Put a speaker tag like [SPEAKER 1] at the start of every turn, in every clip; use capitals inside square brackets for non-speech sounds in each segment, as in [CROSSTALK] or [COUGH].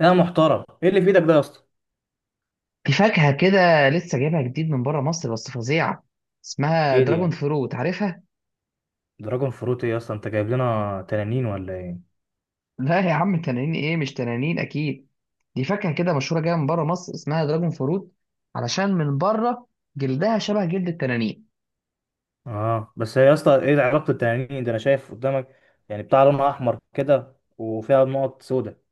[SPEAKER 1] يا محترم، ايه اللي في ايدك ده يا اسطى؟
[SPEAKER 2] في فاكهة كده لسه جايبها جديد من بره مصر بس فظيعة. اسمها
[SPEAKER 1] ايه دي
[SPEAKER 2] دراجون
[SPEAKER 1] يعني؟
[SPEAKER 2] فروت، عارفها؟
[SPEAKER 1] دراجون فروت ايه يا اسطى، انت جايب لنا تنانين ولا ايه؟
[SPEAKER 2] [LAUGHS] لا يا عم، تنانين ايه؟ مش تنانين اكيد. دي فاكهة كده مشهورة جاية من بره مصر، اسمها دراجون فروت. علشان من بره جلدها شبه جلد التنانين.
[SPEAKER 1] اه، بس يا اسطى، ايه علاقه التنانين ده؟ انا شايف قدامك يعني بتاع لونها احمر كده وفيها نقط سوداء.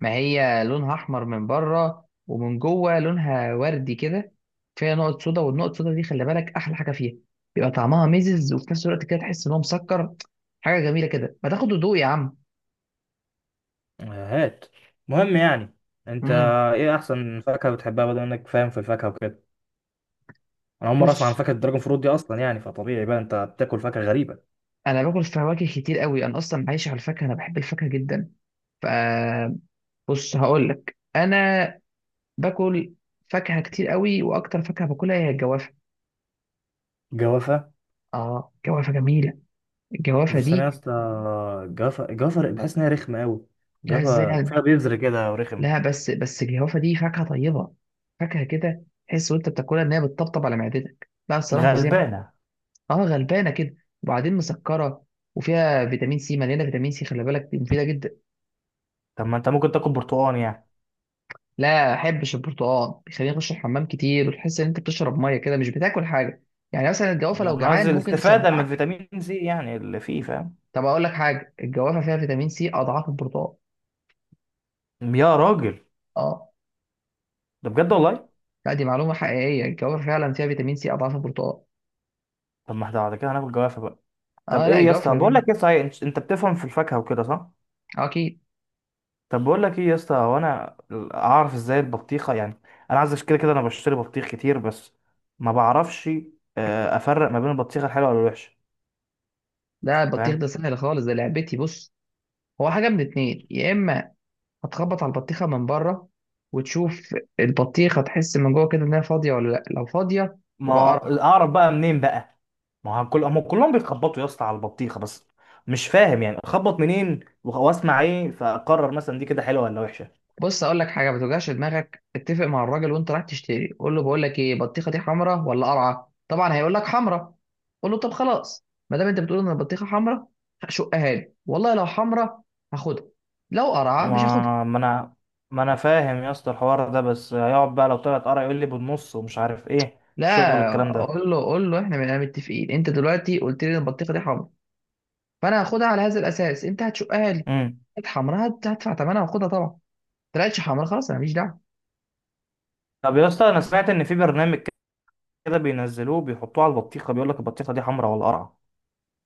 [SPEAKER 2] ما هي لونها احمر من بره ومن جوه لونها وردي كده. فيها نقط سودا، والنقط السودا دي خلي بالك احلى حاجة فيها. بيبقى طعمها ميزز وفي نفس الوقت كده تحس ان هو مسكر. حاجة جميلة كده، ما تاخد هدوء يا عم.
[SPEAKER 1] آه، هات. مهم يعني. انت،
[SPEAKER 2] امم
[SPEAKER 1] ايه احسن فاكهه بتحبها؟ بدل انك فاهم في الفاكهه وكده، انا اول مره اسمع عن
[SPEAKER 2] بص،
[SPEAKER 1] فاكهه الدراجون فروت دي اصلا. يعني فطبيعي بقى انت بتاكل فاكهه غريبه.
[SPEAKER 2] انا باكل فواكه كتير قوي، انا اصلا عايش على الفاكهه، انا بحب الفاكهه جدا. فبص، هقول لك انا باكل فاكهه كتير قوي، واكتر فاكهه باكلها هي الجوافه.
[SPEAKER 1] جوافه؟
[SPEAKER 2] اه الجوافه جميله. الجوافه
[SPEAKER 1] بس انا يا
[SPEAKER 2] دي،
[SPEAKER 1] اسطى، جوافه جوافه، بحس ان هي رخمه قوي.
[SPEAKER 2] لا ازاي
[SPEAKER 1] جوافه
[SPEAKER 2] يعني؟
[SPEAKER 1] فيها بذر كده ورخم.
[SPEAKER 2] لا، بس الجوافه دي فاكهه طيبه. فاكهه كده تحس وانت بتاكلها ان هي بتطبطب على معدتك، لا الصراحه فظيعه.
[SPEAKER 1] غلبانه.
[SPEAKER 2] اه غلبانه كده. وبعدين مسكره، وفيها فيتامين سي، مليانه فيتامين سي، خلي بالك دي مفيده جدا.
[SPEAKER 1] طب ما انت ممكن تاكل برتقال يعني.
[SPEAKER 2] لا احبش البرتقال، بيخليني اخش الحمام كتير، وتحس ان انت بتشرب ميه كده مش بتاكل حاجه. يعني مثلا الجوافه لو
[SPEAKER 1] انا
[SPEAKER 2] جعان
[SPEAKER 1] قصدي
[SPEAKER 2] ممكن
[SPEAKER 1] الاستفاده من
[SPEAKER 2] تشبعك.
[SPEAKER 1] الفيتامين سي، يعني اللي فيه، فاهم.
[SPEAKER 2] طب اقول لك حاجه، الجوافه فيها فيتامين سي اضعاف البرتقال.
[SPEAKER 1] يا راجل،
[SPEAKER 2] اه،
[SPEAKER 1] ده بجد والله.
[SPEAKER 2] لا دي معلومه حقيقيه، الجوافه فعلا فيها فيتامين سي اضعاف البرتقال.
[SPEAKER 1] طب ما احنا بعد كده هناكل جوافه بقى. طب
[SPEAKER 2] اه
[SPEAKER 1] ايه
[SPEAKER 2] لا
[SPEAKER 1] يا
[SPEAKER 2] الجوافه
[SPEAKER 1] اسطى، بقول
[SPEAKER 2] جميله.
[SPEAKER 1] لك ايه، صحيح انت بتفهم في الفاكهه وكده، صح؟
[SPEAKER 2] آه، اكيد.
[SPEAKER 1] طب بقول لك ايه يا اسطى، هو انا اعرف ازاي البطيخه يعني؟ انا عايز كده كده انا بشتري بطيخ كتير، بس ما بعرفش افرق ما بين البطيخه الحلوه والوحشه.
[SPEAKER 2] لا البطيخ ده
[SPEAKER 1] فاهم؟
[SPEAKER 2] سهل خالص، ده لعبتي. بص، هو حاجه من اتنين، يا اما هتخبط على البطيخه من بره وتشوف البطيخه، تحس من جوه كده انها فاضيه ولا لا. لو فاضيه
[SPEAKER 1] ما
[SPEAKER 2] تبقى
[SPEAKER 1] هو
[SPEAKER 2] قرع.
[SPEAKER 1] اعرف بقى منين بقى؟ ما هو كل هم كلهم بيخبطوا يا اسطى على البطيخه بس، مش فاهم يعني اخبط منين، واسمع ايه، فاقرر مثلا دي كده حلوه ولا وحشه.
[SPEAKER 2] بص اقول لك حاجه، ما توجعش دماغك، اتفق مع الراجل وانت رايح تشتري، قول له بقول لك ايه، بطيخه دي حمراء ولا قرعه؟ طبعا هيقول لك حمراء. قول له طب خلاص، ما دام انت بتقول ان البطيخه حمراء، شقها لي، والله لو حمراء هاخدها، لو قرعه مش هاخدها.
[SPEAKER 1] ما انا، ما انا فاهم يا اسطى الحوار ده، بس هيقعد بقى لو طلعت قرع يقول لي بالنص، ومش عارف ايه الشغل
[SPEAKER 2] لا
[SPEAKER 1] الكلام ده.
[SPEAKER 2] قول له، قول له احنا بقينا متفقين، انت دلوقتي قلت لي ان البطيخه دي حمراء، فانا هاخدها على هذا الاساس، انت هتشقها لي.
[SPEAKER 1] امم
[SPEAKER 2] كانت حمراء، هدفع ثمنها واخدها طبعا. طلعتش حمراء خلاص، انا ماليش دعوه.
[SPEAKER 1] طب يا اسطى، انا سمعت ان في برنامج كده بينزلوه بيحطوه على البطيخه، بيقول لك البطيخه دي حمراء ولا قرعه.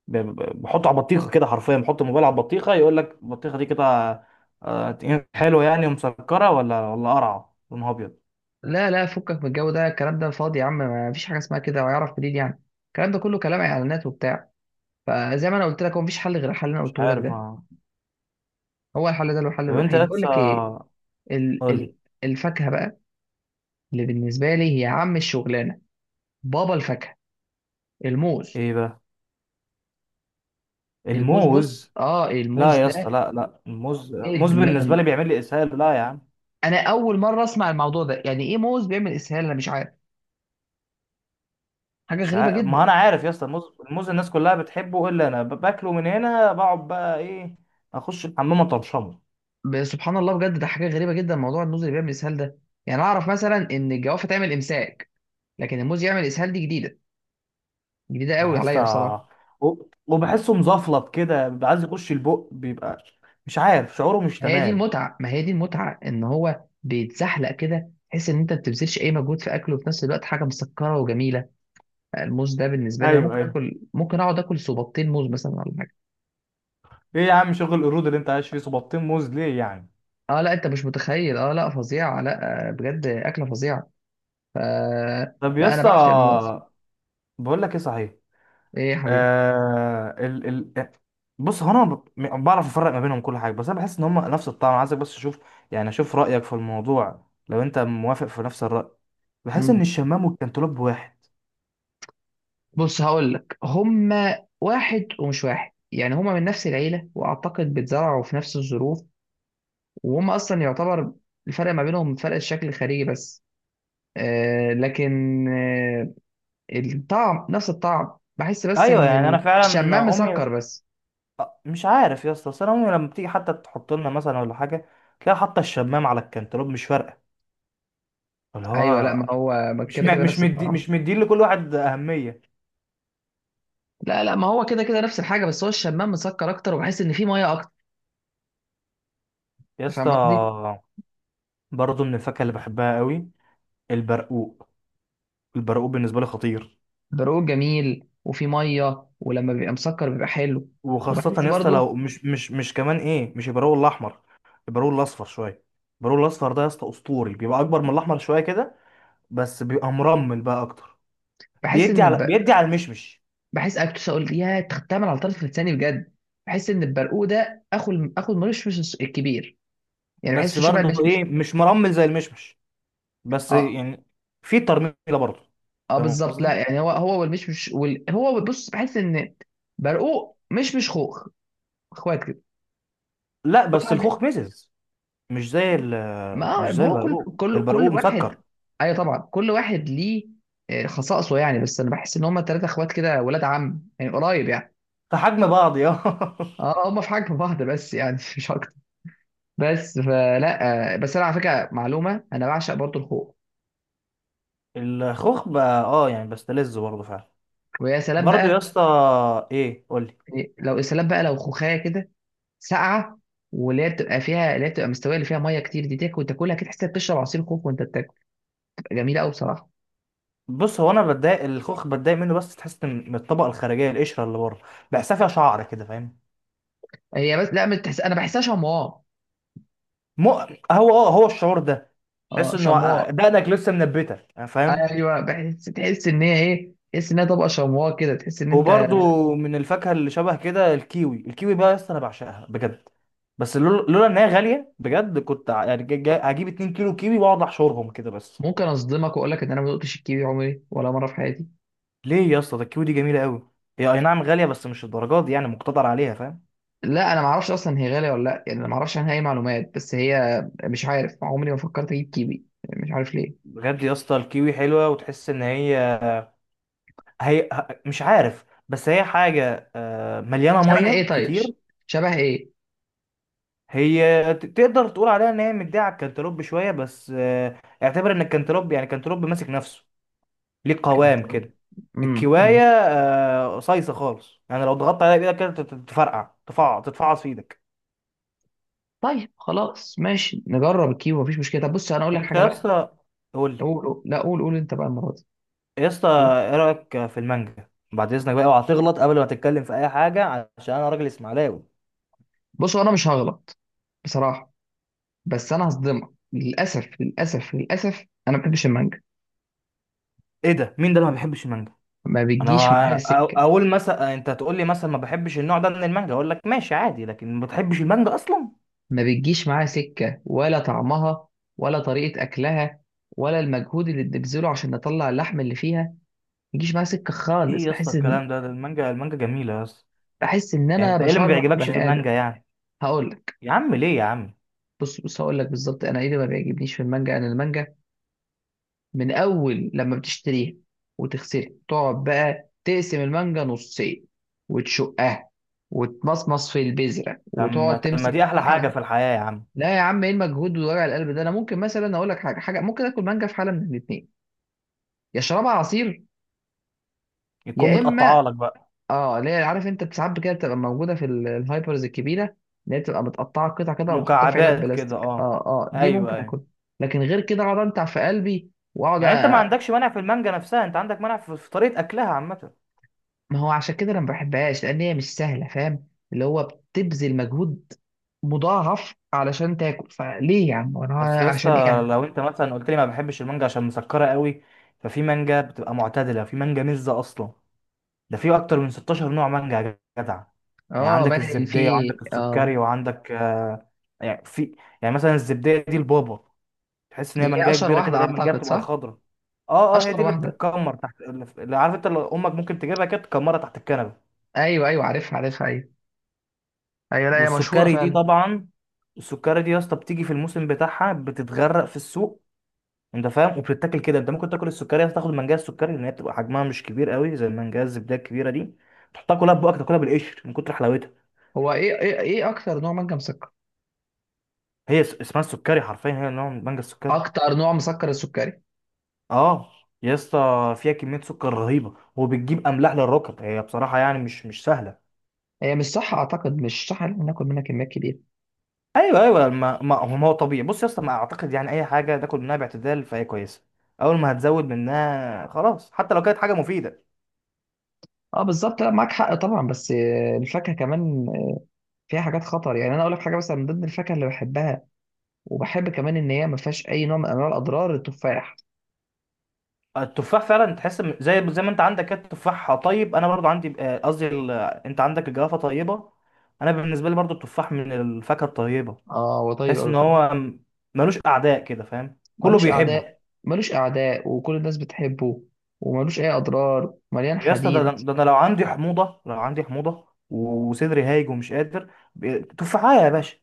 [SPEAKER 1] بحطه على بطيخه كده، حرفيا بحط الموبايل على البطيخه يقول لك البطيخه دي كده آه، حلوه يعني ومسكره، ولا قرعه لونها ابيض.
[SPEAKER 2] لا فكك من الجو ده، الكلام ده فاضي يا عم، ما فيش حاجه اسمها كده، ويعرف منين يعني؟ الكلام ده كله كلام اعلانات وبتاع. فزي ما انا قلت لك، هو مفيش حل غير الحل اللي انا
[SPEAKER 1] مش
[SPEAKER 2] قلته لك
[SPEAKER 1] عارف
[SPEAKER 2] ده.
[SPEAKER 1] آه.
[SPEAKER 2] هو الحل ده الحل
[SPEAKER 1] طب انت
[SPEAKER 2] الوحيد. بقول
[SPEAKER 1] لسه،
[SPEAKER 2] لك ايه، ال
[SPEAKER 1] قول لي.
[SPEAKER 2] ال الفاكهه بقى اللي بالنسبه لي هي عم الشغلانه، بابا الفاكهه، الموز.
[SPEAKER 1] ايه بقى؟
[SPEAKER 2] الموز،
[SPEAKER 1] الموز؟
[SPEAKER 2] بص، اه الموز
[SPEAKER 1] لا يا اسطى،
[SPEAKER 2] ده
[SPEAKER 1] لا، لا، الموز، الموز بالنسبه
[SPEAKER 2] ادمان.
[SPEAKER 1] لي بيعمل لي اسهال. لا يا عم.
[SPEAKER 2] انا اول مره اسمع الموضوع ده، يعني ايه موز بيعمل اسهال؟ انا مش عارف، حاجه
[SPEAKER 1] مش
[SPEAKER 2] غريبه
[SPEAKER 1] عارف، ما
[SPEAKER 2] جدا.
[SPEAKER 1] انا عارف يا اسطى الموز. الموز الناس كلها بتحبه الا انا، باكله من هنا بقعد بقى ايه، اخش الحمام اطرشمه.
[SPEAKER 2] سبحان الله، بجد ده حاجه غريبه جدا، موضوع الموز اللي بيعمل اسهال ده. يعني اعرف مثلا ان الجوافه تعمل امساك، لكن الموز يعمل اسهال دي جديده، جديده قوي
[SPEAKER 1] يا اسطى،
[SPEAKER 2] عليا بصراحه.
[SPEAKER 1] و- وبحسه مزفلط كده، بيبقى عايز يخش البق، بيبقى مش عارف، شعوره مش
[SPEAKER 2] ما هي دي
[SPEAKER 1] تمام.
[SPEAKER 2] المتعه ما هي دي المتعه ان هو بيتزحلق كده، تحس ان انت ما بتبذلش اي مجهود في اكله، وفي نفس الوقت حاجه مسكره وجميله. آه، الموز ده بالنسبه لي انا
[SPEAKER 1] ايوه،
[SPEAKER 2] ممكن
[SPEAKER 1] ايوه.
[SPEAKER 2] اكل، ممكن اقعد اكل صوباطين موز مثلا ولا حاجه.
[SPEAKER 1] ايه يا عم شغل القرود اللي انت عايش فيه؟ صباطين موز ليه يعني؟
[SPEAKER 2] اه لا انت مش متخيل، اه لا فظيعه، لا آه، بجد اكله فظيعه. ف
[SPEAKER 1] طب يا
[SPEAKER 2] لا انا
[SPEAKER 1] اسطى،
[SPEAKER 2] بعشق الموز.
[SPEAKER 1] بقول لك ايه، صحيح،
[SPEAKER 2] ايه يا حبيبي؟
[SPEAKER 1] آه ال ال بص، هو انا بعرف افرق ما بينهم كل حاجه، بس انا بحس ان هم نفس الطعم. عايزك بس اشوف، يعني اشوف رايك في الموضوع لو انت موافق في نفس الراي. بحس ان
[SPEAKER 2] مم.
[SPEAKER 1] الشمام والكنتالوب واحد.
[SPEAKER 2] بص هقول لك، هما واحد ومش واحد، يعني هما من نفس العيله واعتقد بيتزرعوا في نفس الظروف. وهم اصلا يعتبر الفرق ما بينهم فرق الشكل الخارجي بس. آه لكن آه الطعم نفس الطعم، بحس بس
[SPEAKER 1] ايوه،
[SPEAKER 2] ان
[SPEAKER 1] يعني انا
[SPEAKER 2] الشمام
[SPEAKER 1] فعلا امي،
[SPEAKER 2] مسكر بس.
[SPEAKER 1] مش عارف يا اسطى، بس انا امي لما بتيجي حتى تحط لنا مثلا ولا حاجه، تلاقي حاطه الشمام على الكنتالوب، مش فارقه. اللي
[SPEAKER 2] ايوه لا
[SPEAKER 1] هو
[SPEAKER 2] ما هو ما كده كده نفس الطعم.
[SPEAKER 1] مش مدين لكل واحد اهميه.
[SPEAKER 2] لا لا ما هو كده كده نفس الحاجه، بس هو الشمام مسكر اكتر، وبحس ان فيه ميه اكتر.
[SPEAKER 1] يا
[SPEAKER 2] أنت فاهم قصدي؟
[SPEAKER 1] اسطى، برضه من الفاكهه اللي بحبها قوي البرقوق. البرقوق بالنسبه لي خطير.
[SPEAKER 2] برقوق جميل وفيه ميه، ولما بيبقى مسكر بيبقى حلو.
[SPEAKER 1] وخاصه
[SPEAKER 2] وبحس
[SPEAKER 1] يا اسطى
[SPEAKER 2] برضو،
[SPEAKER 1] لو مش كمان ايه، مش البرقوق الاحمر، البرقوق الاصفر شويه. البرقوق الاصفر ده يا اسطى اسطوري، بيبقى اكبر من الاحمر شويه كده، بس بيبقى مرمل بقى اكتر.
[SPEAKER 2] بحس
[SPEAKER 1] بيدي
[SPEAKER 2] ان
[SPEAKER 1] على
[SPEAKER 2] ب...
[SPEAKER 1] بيدي على المشمش.
[SPEAKER 2] بحس اكتر اقول يا تختمل على طرف لساني بجد. بحس ان البرقوق ده اخو الملوش مش الكبير، يعني
[SPEAKER 1] بس
[SPEAKER 2] بحسه شبه
[SPEAKER 1] برضه
[SPEAKER 2] المشمش.
[SPEAKER 1] ايه، مش مرمل زي المشمش، بس
[SPEAKER 2] اه
[SPEAKER 1] يعني في ترميله برضه.
[SPEAKER 2] اه
[SPEAKER 1] فاهم
[SPEAKER 2] بالظبط، لا
[SPEAKER 1] قصدي؟
[SPEAKER 2] يعني هو هو والمشمش هو بص بحس ان برقوق مش خوخ. اخوات كده،
[SPEAKER 1] لا
[SPEAKER 2] كل
[SPEAKER 1] بس
[SPEAKER 2] واحد.
[SPEAKER 1] الخوخ مزز، مش زي ال،
[SPEAKER 2] ما
[SPEAKER 1] مش
[SPEAKER 2] ما
[SPEAKER 1] زي
[SPEAKER 2] هو كل
[SPEAKER 1] البرقوق.
[SPEAKER 2] كل كل
[SPEAKER 1] البرقوق مسكر.
[SPEAKER 2] واحد. ايوه طبعا كل واحد ليه آه، خصائصه يعني، بس انا بحس ان هم ثلاثه اخوات كده ولاد عم يعني، قريب يعني.
[SPEAKER 1] في حجم بعض، يا
[SPEAKER 2] اه هم في حجم بعض، بس يعني [LAUGHS] مش اكتر. بس فلا آه، بس انا على فكره معلومه، انا بعشق برضو الخوخ.
[SPEAKER 1] [LAUGHS] الخوخ بقى، يعني بستلذ برضه فعلا.
[SPEAKER 2] ويا سلام
[SPEAKER 1] برضه يا
[SPEAKER 2] بقى.
[SPEAKER 1] اسطى، ايه؟ قول لي.
[SPEAKER 2] يعني لو يا سلام بقى لو خوخايه كده ساقعه، واللي هي بتبقى فيها، اللي هي بتبقى مستويه اللي فيها ميه كتير دي، تاكل تاكلها كده تحس إنك بتشرب عصير كوك وانت بتاكل. بتبقى جميله قوي بصراحه.
[SPEAKER 1] بص، هو انا بتضايق الخوخ، بتضايق منه، بس تحس من الطبقه الخارجيه، القشره اللي بره بحسها فيها شعر كده، فاهم؟
[SPEAKER 2] هي بس لا بتحس انا بحسها شمواء.
[SPEAKER 1] مو هو اه هو الشعور ده. تحس
[SPEAKER 2] اه
[SPEAKER 1] انه
[SPEAKER 2] شمواء.
[SPEAKER 1] دقنك لسه منبته، فاهم؟
[SPEAKER 2] ايوه بحس، تحس ان هي ايه، تحس ان هي طبقه شمواء كده، تحس ان انت.
[SPEAKER 1] وبرضو من الفاكهه اللي شبه كده الكيوي. الكيوي بقى يا اسطى انا بعشقها بجد. بس لولا ان هي غاليه بجد كنت يعني هجيب 2 كيلو كيوي واقعد احشرهم كده بس.
[SPEAKER 2] ممكن اصدمك واقول لك ان انا ما دقتش الكيوي عمري ولا مره في حياتي.
[SPEAKER 1] ليه يا اسطى؟ ده الكيوي دي جميله قوي. هي اي نعم غاليه، بس مش الدرجات دي، يعني مقتدر عليها، فاهم؟
[SPEAKER 2] لا انا ما اعرفش اصلا هي غاليه ولا لا، يعني انا ما اعرفش عنها اي معلومات، بس هي مش عارف عمري ما فكرت اجيب كيوي، مش عارف ليه.
[SPEAKER 1] بجد يا اسطى الكيوي حلوه، وتحس ان هي، مش عارف، بس هي حاجه مليانه
[SPEAKER 2] شبه ايه
[SPEAKER 1] ميه
[SPEAKER 2] طيب
[SPEAKER 1] كتير.
[SPEAKER 2] شبه ايه؟
[SPEAKER 1] هي تقدر تقول عليها ان هي مديه على الكنتالوب شويه، بس اعتبر ان الكنتالوب، يعني الكنتالوب ماسك نفسه، ليه قوام كده. الكوايه
[SPEAKER 2] امم
[SPEAKER 1] قصيصه خالص، يعني لو ضغطت عليها بايدك كده تفرقع تتفعص في ايدك.
[SPEAKER 2] طيب خلاص ماشي، نجرب الكيبو مفيش مشكله. طب بص انا اقول لك
[SPEAKER 1] انت
[SPEAKER 2] حاجه
[SPEAKER 1] يا
[SPEAKER 2] بقى.
[SPEAKER 1] اسطى، قول لي.
[SPEAKER 2] قول لا قول انت بقى المره دي.
[SPEAKER 1] يا اسطى،
[SPEAKER 2] قول.
[SPEAKER 1] ايه رايك في المانجا؟ بعد اذنك بقى، اوعى تغلط قبل ما تتكلم في اي حاجه، عشان انا راجل اسماعيلاوي.
[SPEAKER 2] بص انا مش هغلط بصراحه. بس انا هصدمك، للاسف للاسف للاسف، انا ما بحبش المانجا،
[SPEAKER 1] ايه ده؟ مين ده اللي ما بيحبش المانجا؟
[SPEAKER 2] ما
[SPEAKER 1] انا،
[SPEAKER 2] بتجيش معايا سكه.
[SPEAKER 1] اقول مثلا انت تقول لي مثلا ما بحبش النوع ده من المانجا، اقول لك ماشي عادي، لكن ما بتحبش المانجا اصلا؟
[SPEAKER 2] ما بتجيش معايا سكه ولا طعمها، ولا طريقه اكلها، ولا المجهود اللي بنبذله عشان نطلع اللحم اللي فيها. ما بيجيش معايا سكه
[SPEAKER 1] ايه
[SPEAKER 2] خالص.
[SPEAKER 1] يا اسطى الكلام ده المانجا، المانجا جميله يا اسطى.
[SPEAKER 2] بحس ان
[SPEAKER 1] يعني
[SPEAKER 2] انا
[SPEAKER 1] انت ايه اللي ما
[SPEAKER 2] بشرح
[SPEAKER 1] بيعجبكش في
[SPEAKER 2] بني ادم.
[SPEAKER 1] المانجا يعني؟
[SPEAKER 2] هقول لك.
[SPEAKER 1] يا عم ليه يا عم؟
[SPEAKER 2] بص هقول لك بالظبط انا ايه اللي ما بيعجبنيش في المانجا. انا المانجا من اول لما بتشتريها وتغسلها، تقعد بقى تقسم المانجا نصين، وتشقها، وتمصمص في البذره،
[SPEAKER 1] طب ما
[SPEAKER 2] وتقعد
[SPEAKER 1] طب ما
[SPEAKER 2] تمسك
[SPEAKER 1] دي احلى
[SPEAKER 2] في
[SPEAKER 1] حاجه
[SPEAKER 2] حد.
[SPEAKER 1] في الحياه يا عم.
[SPEAKER 2] لا يا عم، ايه المجهود ووجع القلب ده؟ انا ممكن مثلا اقول لك حاجه ممكن اكل مانجا في حاله من الاثنين، يا شربها عصير،
[SPEAKER 1] يكون
[SPEAKER 2] يا
[SPEAKER 1] متقطعه
[SPEAKER 2] اما
[SPEAKER 1] لك بقى،
[SPEAKER 2] اه اللي هي عارف انت ساعات كده بتبقى موجوده في الهايبرز الكبيره، اللي هي بتبقى متقطعه قطع كده ومحطوطه في علب
[SPEAKER 1] مكعبات كده،
[SPEAKER 2] بلاستيك، اه
[SPEAKER 1] اه.
[SPEAKER 2] اه دي
[SPEAKER 1] ايوه،
[SPEAKER 2] ممكن
[SPEAKER 1] ايوه.
[SPEAKER 2] اكل. لكن غير كده اقعد انتع في قلبي واقعد.
[SPEAKER 1] يعني انت ما عندكش مانع في المانجا نفسها، انت عندك مانع في طريقه اكلها عامه.
[SPEAKER 2] ما هو عشان كده انا ما بحبهاش، لان هي مش سهله فاهم، اللي هو بتبذل مجهود مضاعف علشان تاكل، فليه يا عم وانا
[SPEAKER 1] اصل يا اسطى،
[SPEAKER 2] عشان ايه يعني؟
[SPEAKER 1] لو انت مثلا قلت لي ما بحبش المانجا عشان مسكره قوي، ففي مانجا بتبقى معتدله، في مانجا مزه اصلا. ده في اكتر من 16 نوع مانجا يا جدع. يعني
[SPEAKER 2] اه
[SPEAKER 1] عندك
[SPEAKER 2] بني في.
[SPEAKER 1] الزبديه، وعندك
[SPEAKER 2] اه
[SPEAKER 1] السكري، وعندك آه يعني في، يعني مثلا الزبديه دي البابا. تحس ان
[SPEAKER 2] دي
[SPEAKER 1] هي
[SPEAKER 2] اللي هي
[SPEAKER 1] منجايه
[SPEAKER 2] اشهر
[SPEAKER 1] كبيره كده،
[SPEAKER 2] واحده
[SPEAKER 1] اللي هي المنجايه
[SPEAKER 2] اعتقد
[SPEAKER 1] بتبقى
[SPEAKER 2] صح؟
[SPEAKER 1] الخضراء. اه، اه، هي
[SPEAKER 2] اشهر
[SPEAKER 1] دي اللي
[SPEAKER 2] واحده.
[SPEAKER 1] بتتكمر تحت، اللي عارف انت، اللي امك ممكن تجيبها كده تكمرها تحت الكنبه.
[SPEAKER 2] ايوه ايوه، عارفها عارفها، ايوه. ايوه لا هي مشهوره
[SPEAKER 1] والسكري دي
[SPEAKER 2] فعلا.
[SPEAKER 1] طبعا، السكري دي يا اسطى بتيجي في الموسم بتاعها بتتغرق في السوق، انت فاهم؟ وبتتاكل كده، انت ممكن تاكل السكري، تاخد المنجايه السكري لان هي بتبقى حجمها مش كبير قوي زي المنجايه الزبده الكبيره دي، تحطها كلها في بقك تاكلها بالقشر من كتر حلاوتها.
[SPEAKER 2] هو ايه ايه ايه اكتر نوع منجم مسكر؟
[SPEAKER 1] هي اسمها السكري حرفيا، هي نوع من المانجا السكري.
[SPEAKER 2] اكتر نوع مسكر السكري.
[SPEAKER 1] اه. يا اسطى فيها كميه سكر رهيبه، وبتجيب املاح للركب، هي بصراحه يعني مش سهله.
[SPEAKER 2] هي مش صح اعتقد، مش صح ان إحنا ناكل منها كميات كبيره.
[SPEAKER 1] ايوه، ايوه. ما هو، ما هو طبيعي. بص يا اسطى، ما اعتقد يعني اي حاجه تاكل منها باعتدال فهي كويسه. اول ما هتزود منها خلاص حتى لو كانت حاجه مفيده.
[SPEAKER 2] اه بالظبط، لا معاك حق طبعا. بس آه، الفاكهه كمان فيها حاجات خطر يعني. انا اقول لك حاجه، مثلا من ضمن الفاكهه اللي بحبها، وبحب كمان ان هي ما فيهاش اي نوع من انواع الاضرار، التفاح.
[SPEAKER 1] التفاح فعلا تحس زي ما انت عندك كده، التفاح طيب. انا برضو عندي قصدي انت عندك الجوافه طيبه، انا بالنسبه لي برضو التفاح من الفاكهه الطيبه،
[SPEAKER 2] اه هو طيب
[SPEAKER 1] تحس
[SPEAKER 2] قوي
[SPEAKER 1] ان هو
[SPEAKER 2] فعلا.
[SPEAKER 1] ملوش اعداء كده، فاهم؟ كله
[SPEAKER 2] ملوش
[SPEAKER 1] بيحبه.
[SPEAKER 2] اعداء، ملوش اعداء وكل الناس بتحبه، وملوش اي اضرار، مليان
[SPEAKER 1] يا اسطى ده
[SPEAKER 2] حديد.
[SPEAKER 1] ده انا لو عندي حموضه، لو عندي حموضه وصدري هايج ومش قادر، تفاحه يا باشا،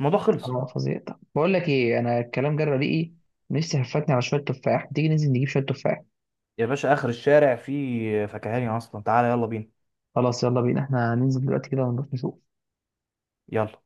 [SPEAKER 1] الموضوع خلص.
[SPEAKER 2] اه فظيع. طب بقول لك ايه، انا الكلام جرى ريقي، نفسي هفتني على شويه تفاح، تيجي ننزل نجيب شويه تفاح؟
[SPEAKER 1] يا باشا، اخر الشارع فيه فكهاني اصلا، تعالى يلا بينا.
[SPEAKER 2] خلاص يلا بينا، احنا هننزل دلوقتي كده ونروح نشوف.
[SPEAKER 1] يلا.